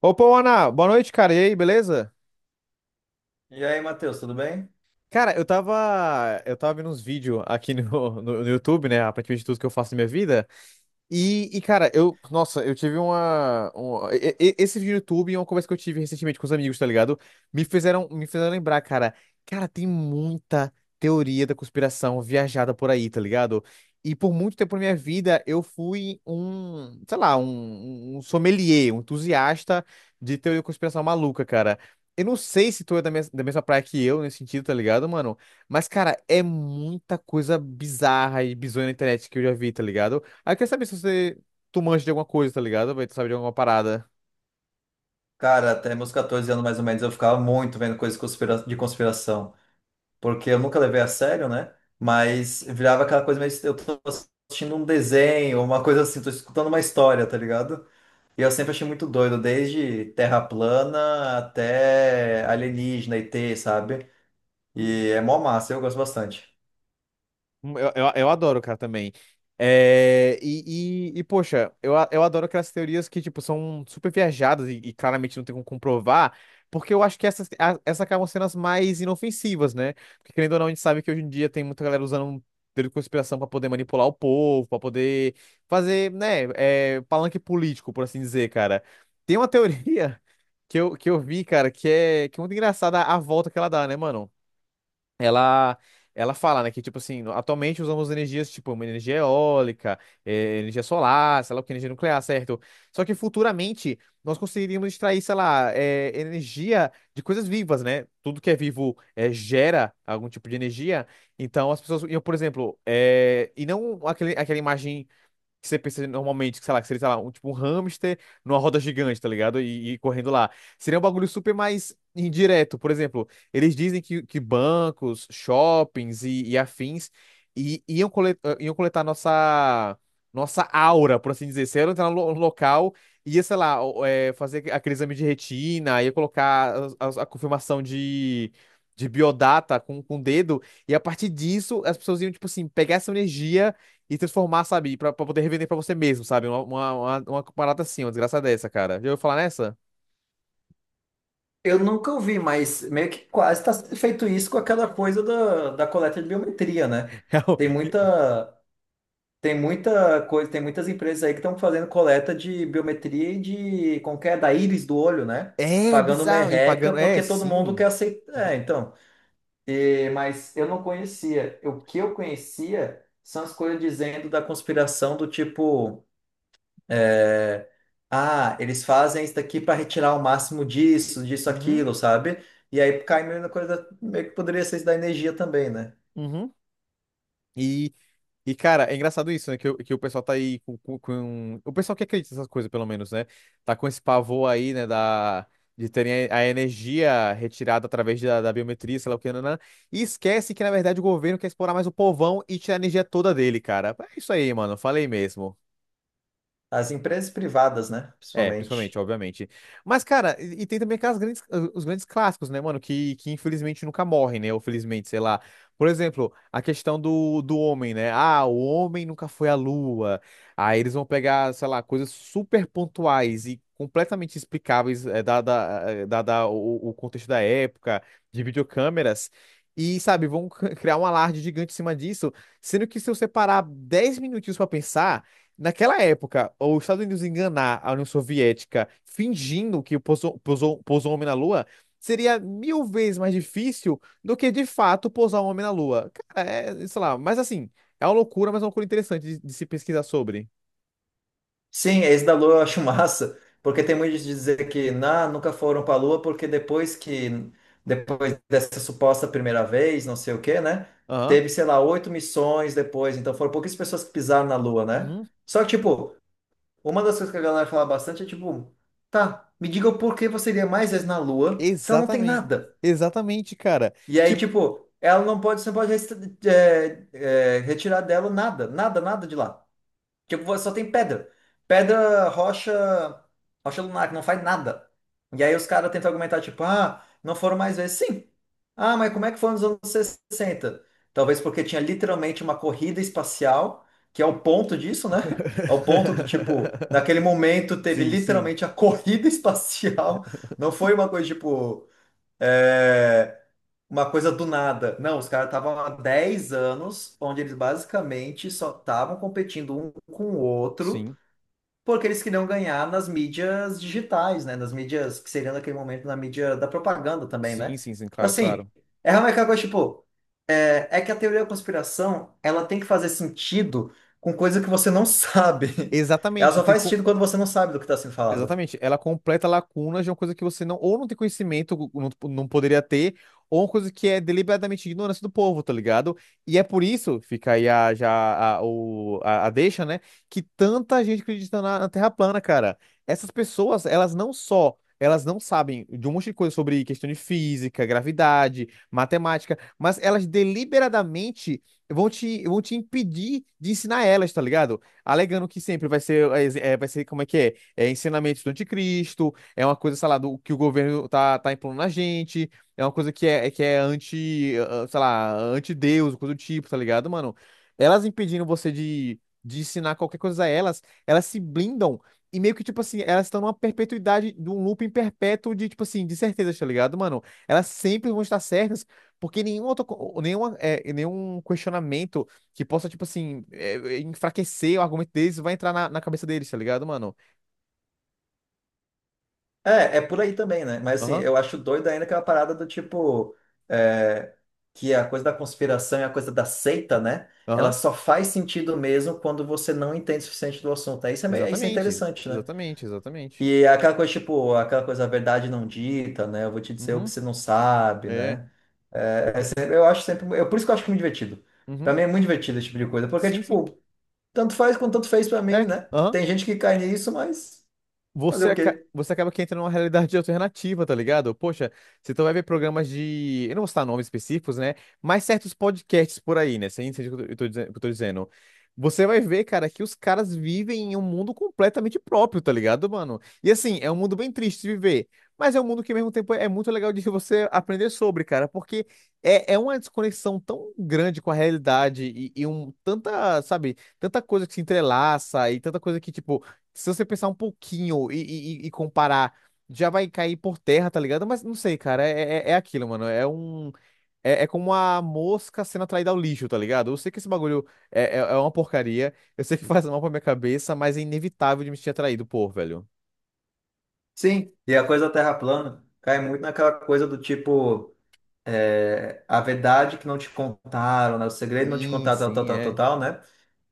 Opa, Ana, boa noite, cara. E aí, beleza? E aí, Matheus, tudo bem? Cara, eu tava vendo uns vídeos aqui no YouTube, né? Aparentemente tudo que eu faço na minha vida. E, cara, eu. Nossa, eu tive uma. Um- e- esse vídeo do YouTube e uma conversa que eu tive recentemente com os amigos, tá ligado? Me fizeram lembrar, cara. Cara, tem muita teoria da conspiração viajada por aí, tá ligado? E por muito tempo na minha vida, eu fui Sei lá, um sommelier, um entusiasta de teoria da conspiração maluca, cara. Eu não sei se tu é da mesma praia que eu nesse sentido, tá ligado, mano? Mas, cara, é muita coisa bizarra e bizonha na internet que eu já vi, tá ligado? Aí eu saber se você. Tu manja de alguma coisa, tá ligado? Vai, tu sabe de alguma parada. Cara, até meus 14 anos mais ou menos eu ficava muito vendo coisas conspira- de conspiração, porque eu nunca levei a sério, né? Mas virava aquela coisa meio. Eu tô assistindo um desenho, uma coisa assim, tô escutando uma história, tá ligado? E eu sempre achei muito doido, desde terra plana até alienígena, e ET, sabe? E é mó massa, eu gosto bastante. Eu adoro, cara, também. É, e, poxa, eu adoro aquelas teorias que, tipo, são super viajadas e claramente não tem como comprovar, porque eu acho que essas acabam sendo as mais inofensivas, né? Porque, querendo ou não, a gente sabe que hoje em dia tem muita galera usando teoria de conspiração pra poder manipular o povo, pra poder fazer, né, palanque político, por assim dizer, cara. Tem uma teoria que eu vi, cara, que é muito engraçada a volta que ela dá, né, mano? ela ela fala, né, que tipo assim, atualmente usamos energias tipo uma energia eólica, energia solar, sei lá o que, energia nuclear, certo? Só que futuramente nós conseguiríamos extrair, sei lá, energia de coisas vivas, né? Tudo que é vivo gera algum tipo de energia. Então as pessoas, iam, por exemplo, e não aquela imagem que você pensa normalmente, que, sei lá, que seria, sei lá, tipo um hamster numa roda gigante, tá ligado? E correndo lá. Seria um bagulho super mais indireto. Por exemplo, eles dizem que bancos, shoppings e afins iam coletar nossa aura, por assim dizer. Se ela entrar no local, ia, sei lá, fazer aquele exame de retina, ia colocar confirmação de. De biodata com o dedo, e a partir disso as pessoas iam, tipo assim, pegar essa energia e transformar, sabe? Pra poder revender pra você mesmo, sabe? Uma parada assim, uma desgraça dessa, cara. Já ouviu falar nessa? Eu nunca ouvi, mas meio que quase está sendo feito isso com aquela coisa da coleta de biometria, né? Tem muita. Tem muita coisa, tem muitas empresas aí que estão fazendo coleta de biometria e de como que é, da íris do olho, né? É Pagando bizarro. E merreca pagando. É, porque todo mundo sim. quer aceitar. É, então. É, mas eu não conhecia. O que eu conhecia são as coisas dizendo da conspiração do tipo, é, ah, eles fazem isso daqui para retirar o máximo disso, disso, Uhum, aquilo, sabe? E aí cai meio na coisa, meio que poderia ser isso da energia também, né? uhum. E E, cara, é engraçado isso, né? Que o pessoal tá aí O pessoal que acredita nessas coisas, pelo menos, né? Tá com esse pavor aí, né? Da... De terem a energia retirada através da biometria, sei lá o que, nanã, e esquece que, na verdade, o governo quer explorar mais o povão e tirar a energia toda dele, cara. É isso aí, mano. Falei mesmo. As empresas privadas, né? É, principalmente, Principalmente. obviamente. Mas, cara, e tem também aquelas os grandes clássicos, né, mano, que infelizmente nunca morrem, né, ou felizmente, sei lá. Por exemplo, a questão do homem, né? Ah, o homem nunca foi à Lua. Aí eles vão pegar, sei lá, coisas super pontuais e completamente explicáveis, dada o contexto da época, de videocâmeras. E, sabe, vão criar um alarde gigante em cima disso, sendo que se eu separar 10 minutinhos pra pensar. Naquela época, os Estados Unidos enganar a União Soviética fingindo que pousou um homem na Lua seria mil vezes mais difícil do que de fato pousar um homem na Lua. Cara, sei lá, mas assim, é uma loucura, mas é uma loucura interessante de se pesquisar sobre. Sim, esse da Lua eu acho massa, porque tem muito de dizer que nah, nunca foram para a Lua, porque depois dessa suposta primeira vez, não sei o quê, né? Aham. Teve, sei lá, oito missões depois, então foram poucas pessoas que pisaram na Lua, né? Uhum. Só que, tipo, uma das coisas que a galera fala bastante é tipo, tá, me diga o porquê você iria mais vezes na Lua se ela não tem Exatamente. nada. Exatamente, cara. E aí, Tipo. tipo, ela não pode, você não pode retirar dela nada, nada, nada de lá. Tipo, só tem pedra. Pedra, rocha, rocha lunar, que não faz nada. E aí os caras tentam argumentar, tipo, ah, não foram mais vezes. Sim. Ah, mas como é que foi nos anos 60? Talvez porque tinha literalmente uma corrida espacial, que é o ponto disso, né? É o ponto do tipo, naquele momento teve Sim, sim. literalmente a corrida espacial. Não foi uma coisa tipo. Eh, Uma coisa do nada. Não, os caras estavam há 10 anos, onde eles basicamente só estavam competindo um com o outro, Sim. porque eles queriam ganhar nas mídias digitais, né? Nas mídias que seriam naquele momento na mídia da propaganda também, Sim, né? sim, sim, Então, claro, assim, claro. é realmente aquela coisa, tipo, é que a teoria da conspiração, ela tem que fazer sentido com coisa que você não sabe. Ela Exatamente. só faz sentido quando você não sabe do que está sendo falado. Exatamente, ela completa lacunas de uma coisa que você não, ou não tem conhecimento, ou não, tipo, não poderia ter, ou uma coisa que é deliberadamente ignorância do povo, tá ligado? E é por isso, fica aí a, já a, o, a, a deixa, né? Que tanta gente acredita na Terra plana, cara. Essas pessoas, elas não só, elas não sabem de um monte de coisa sobre questão de física, gravidade, matemática, mas elas deliberadamente vão te impedir de ensinar elas, tá ligado? Alegando que sempre vai ser, como é que é? É ensinamento do anticristo, é uma coisa, sei lá, que o governo tá impondo na gente, é uma coisa que é sei lá, anti-Deus, coisa do tipo, tá ligado, mano? Elas impedindo você de ensinar qualquer coisa a elas, elas se blindam e meio que, tipo assim, elas estão numa perpetuidade, num looping perpétuo de, tipo assim, de certezas, tá ligado, mano? Elas sempre vão estar certas, porque nenhum outro, co- nenhuma, é, nenhum questionamento que possa, tipo assim, enfraquecer o argumento deles vai entrar na cabeça deles, tá ligado, mano? É, é por aí também, né? Mas assim, Aham. eu acho doido ainda aquela parada do tipo, é, que a coisa da conspiração e a coisa da seita, né? Ela Aham, só faz sentido mesmo quando você não entende o suficiente do assunto. Aí isso é, isso é exatamente, interessante, né? exatamente, exatamente. E é aquela coisa, tipo, aquela coisa, a verdade não dita, né? Eu vou te dizer o que Uhum, você não sabe, é, é. né? Eu acho sempre. Eu, por isso que eu acho muito divertido. Pra Uhum, mim é muito divertido esse tipo de coisa, porque, sim, sim, tipo, tanto faz quanto tanto fez pra mim, é, né? aham. Tem gente que cai nisso, mas fazer você, o aca- quê? você acaba que entra numa realidade alternativa, tá ligado? Poxa, você então vai ver programas de. Eu não vou citar nomes específicos, né? Mas certos podcasts por aí, né? Você entende o que eu tô dizendo? Você vai ver, cara, que os caras vivem em um mundo completamente próprio, tá ligado, mano? E assim, é um mundo bem triste de viver. Mas é um mundo que, ao mesmo tempo, é muito legal de você aprender sobre, cara, porque é uma desconexão tão grande com a realidade e tanta, sabe, tanta coisa que se entrelaça e tanta coisa que, tipo, se você pensar um pouquinho e comparar, já vai cair por terra, tá ligado? Mas não sei, cara, é aquilo, mano. É um. É como a mosca sendo atraída ao lixo, tá ligado? Eu sei que esse bagulho é uma porcaria, eu sei que faz mal pra minha cabeça, mas é inevitável de me sentir atraído, pô, velho. Sim, e a coisa da Terra plana cai muito naquela coisa do tipo, é, a verdade que não te contaram, né? O segredo não te Sim, contaram, tal, tal, sim, tal, tal, é. tal, né?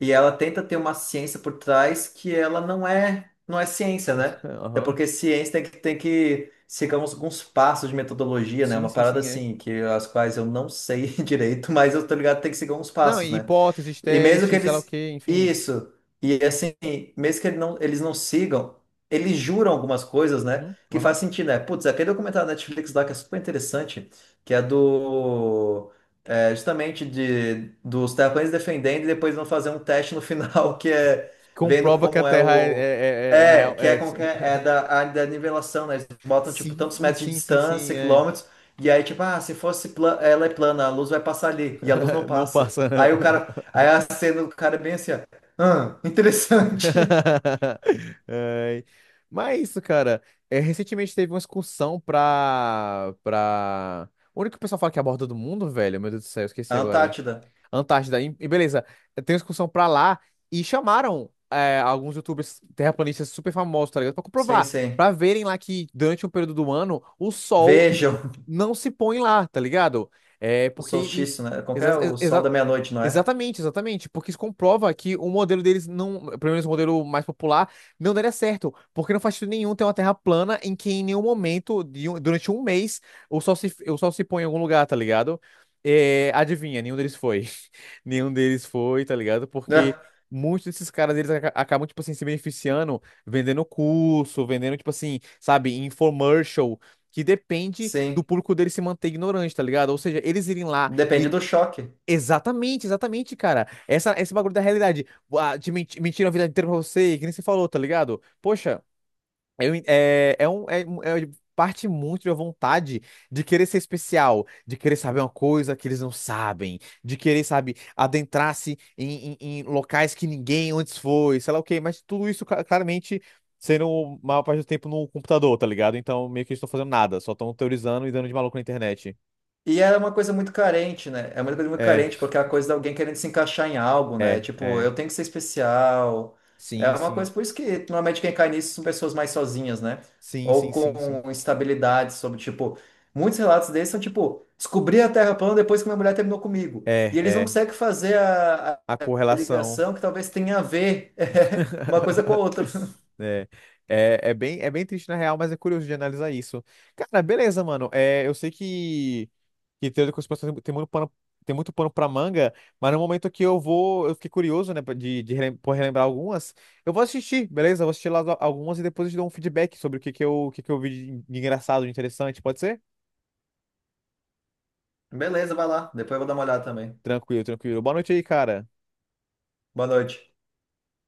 E ela tenta ter uma ciência por trás que ela não é, não é ciência, né? Até Aham. porque ciência tem que seguir uns, alguns passos de metodologia, né? Sim, Uma sim, parada sim, é. assim, que as quais eu não sei direito, mas eu tô ligado que tem que seguir uns Não, passos, e né? hipóteses, E mesmo que testes, sei lá o eles. quê, enfim. Isso. E assim, mesmo que eles não sigam, eles juram algumas coisas, né? Uhum, Que aham. faz sentido, né? Putz, aquele documentário da Netflix lá que é super interessante, que é do. É, justamente de, dos terraplanistas defendendo e depois vão fazer um teste no final, que é vendo Comprova que a como é Terra é, é, o. é- é, na É, real. que é É. como que é, é da área da nivelação, né? Eles botam, tipo, Sim, tantos metros de sim, sim, distância, sim, é. quilômetros, e aí, tipo, ah, se fosse pla- ela é plana, a luz vai passar ali, e a luz não Não passa. passa, né? Aí a cena do cara é bem assim, ó. Ah, interessante. Ai. Mas é isso, cara. É, recentemente teve uma excursão O único que o pessoal fala que é a borda do mundo, velho. Meu Deus do céu, eu esqueci A agora. Antártida. Antártida. E beleza, tem uma excursão pra lá e chamaram alguns youtubers terraplanistas super famosos, tá ligado? Pra Sim, comprovar, sim. pra verem lá que durante um período do ano o sol Vejam não se põe lá, tá ligado? É o porque isso... solstício, né? Qual que é? O sol da meia-noite, não é? Exatamente, exatamente, porque isso comprova que o modelo deles não, pelo menos o modelo mais popular, não daria certo, porque não faz sentido nenhum ter uma terra plana em que em nenhum momento, durante um mês, o sol se põe em algum lugar, tá ligado? É, adivinha, nenhum deles foi. Nenhum deles foi, tá ligado? É. Porque muitos desses caras, eles acabam, tipo assim, se beneficiando, vendendo curso, vendendo, tipo assim, sabe, infomercial, que depende do Sim. público deles se manter ignorante, tá ligado? Ou seja, eles irem lá Depende e. do choque. Exatamente, exatamente, cara. Esse bagulho da realidade. Ah, de mentira a vida inteira pra você, que nem você falou, tá ligado? Poxa, eu en- é, é, um, é, um- é parte muito da vontade de querer ser especial, de querer saber uma coisa que eles não sabem, de querer, sabe, adentrar-se em locais que ninguém antes foi, sei lá o quê, mas tudo isso claramente sendo maior parte do tempo no computador, tá ligado? Então meio que eles estão fazendo nada, só estão teorizando e dando de maluco na internet. E é uma coisa muito carente, né? É uma coisa muito É, carente, porque é a coisa de alguém querendo se encaixar em algo, né? é, Tipo, é. eu tenho que ser especial. É Sim, uma sim. coisa, por isso que normalmente quem cai nisso são pessoas mais sozinhas, né? Sim, Ou sim, sim, sim. com instabilidade sobre, tipo, muitos relatos desses são, tipo, descobri a Terra plana depois que minha mulher terminou comigo. É, E eles não é. conseguem fazer A a correlação. ligação que talvez tenha a ver uma coisa com a outra. É, é bem triste na real, mas é curioso de analisar isso. Cara, beleza, mano. É, eu sei que teoria da conspiração tem muito pano, tem muito pano pra manga, mas no momento que eu vou, eu fiquei curioso, né, por relembrar algumas, eu vou assistir, beleza? Eu vou assistir lá algumas e depois eu te dou um feedback sobre o que que eu vi de engraçado, de interessante, pode ser? Beleza, vai lá. Depois eu vou dar uma olhada também. Tranquilo, tranquilo. Boa noite aí, cara. Boa noite.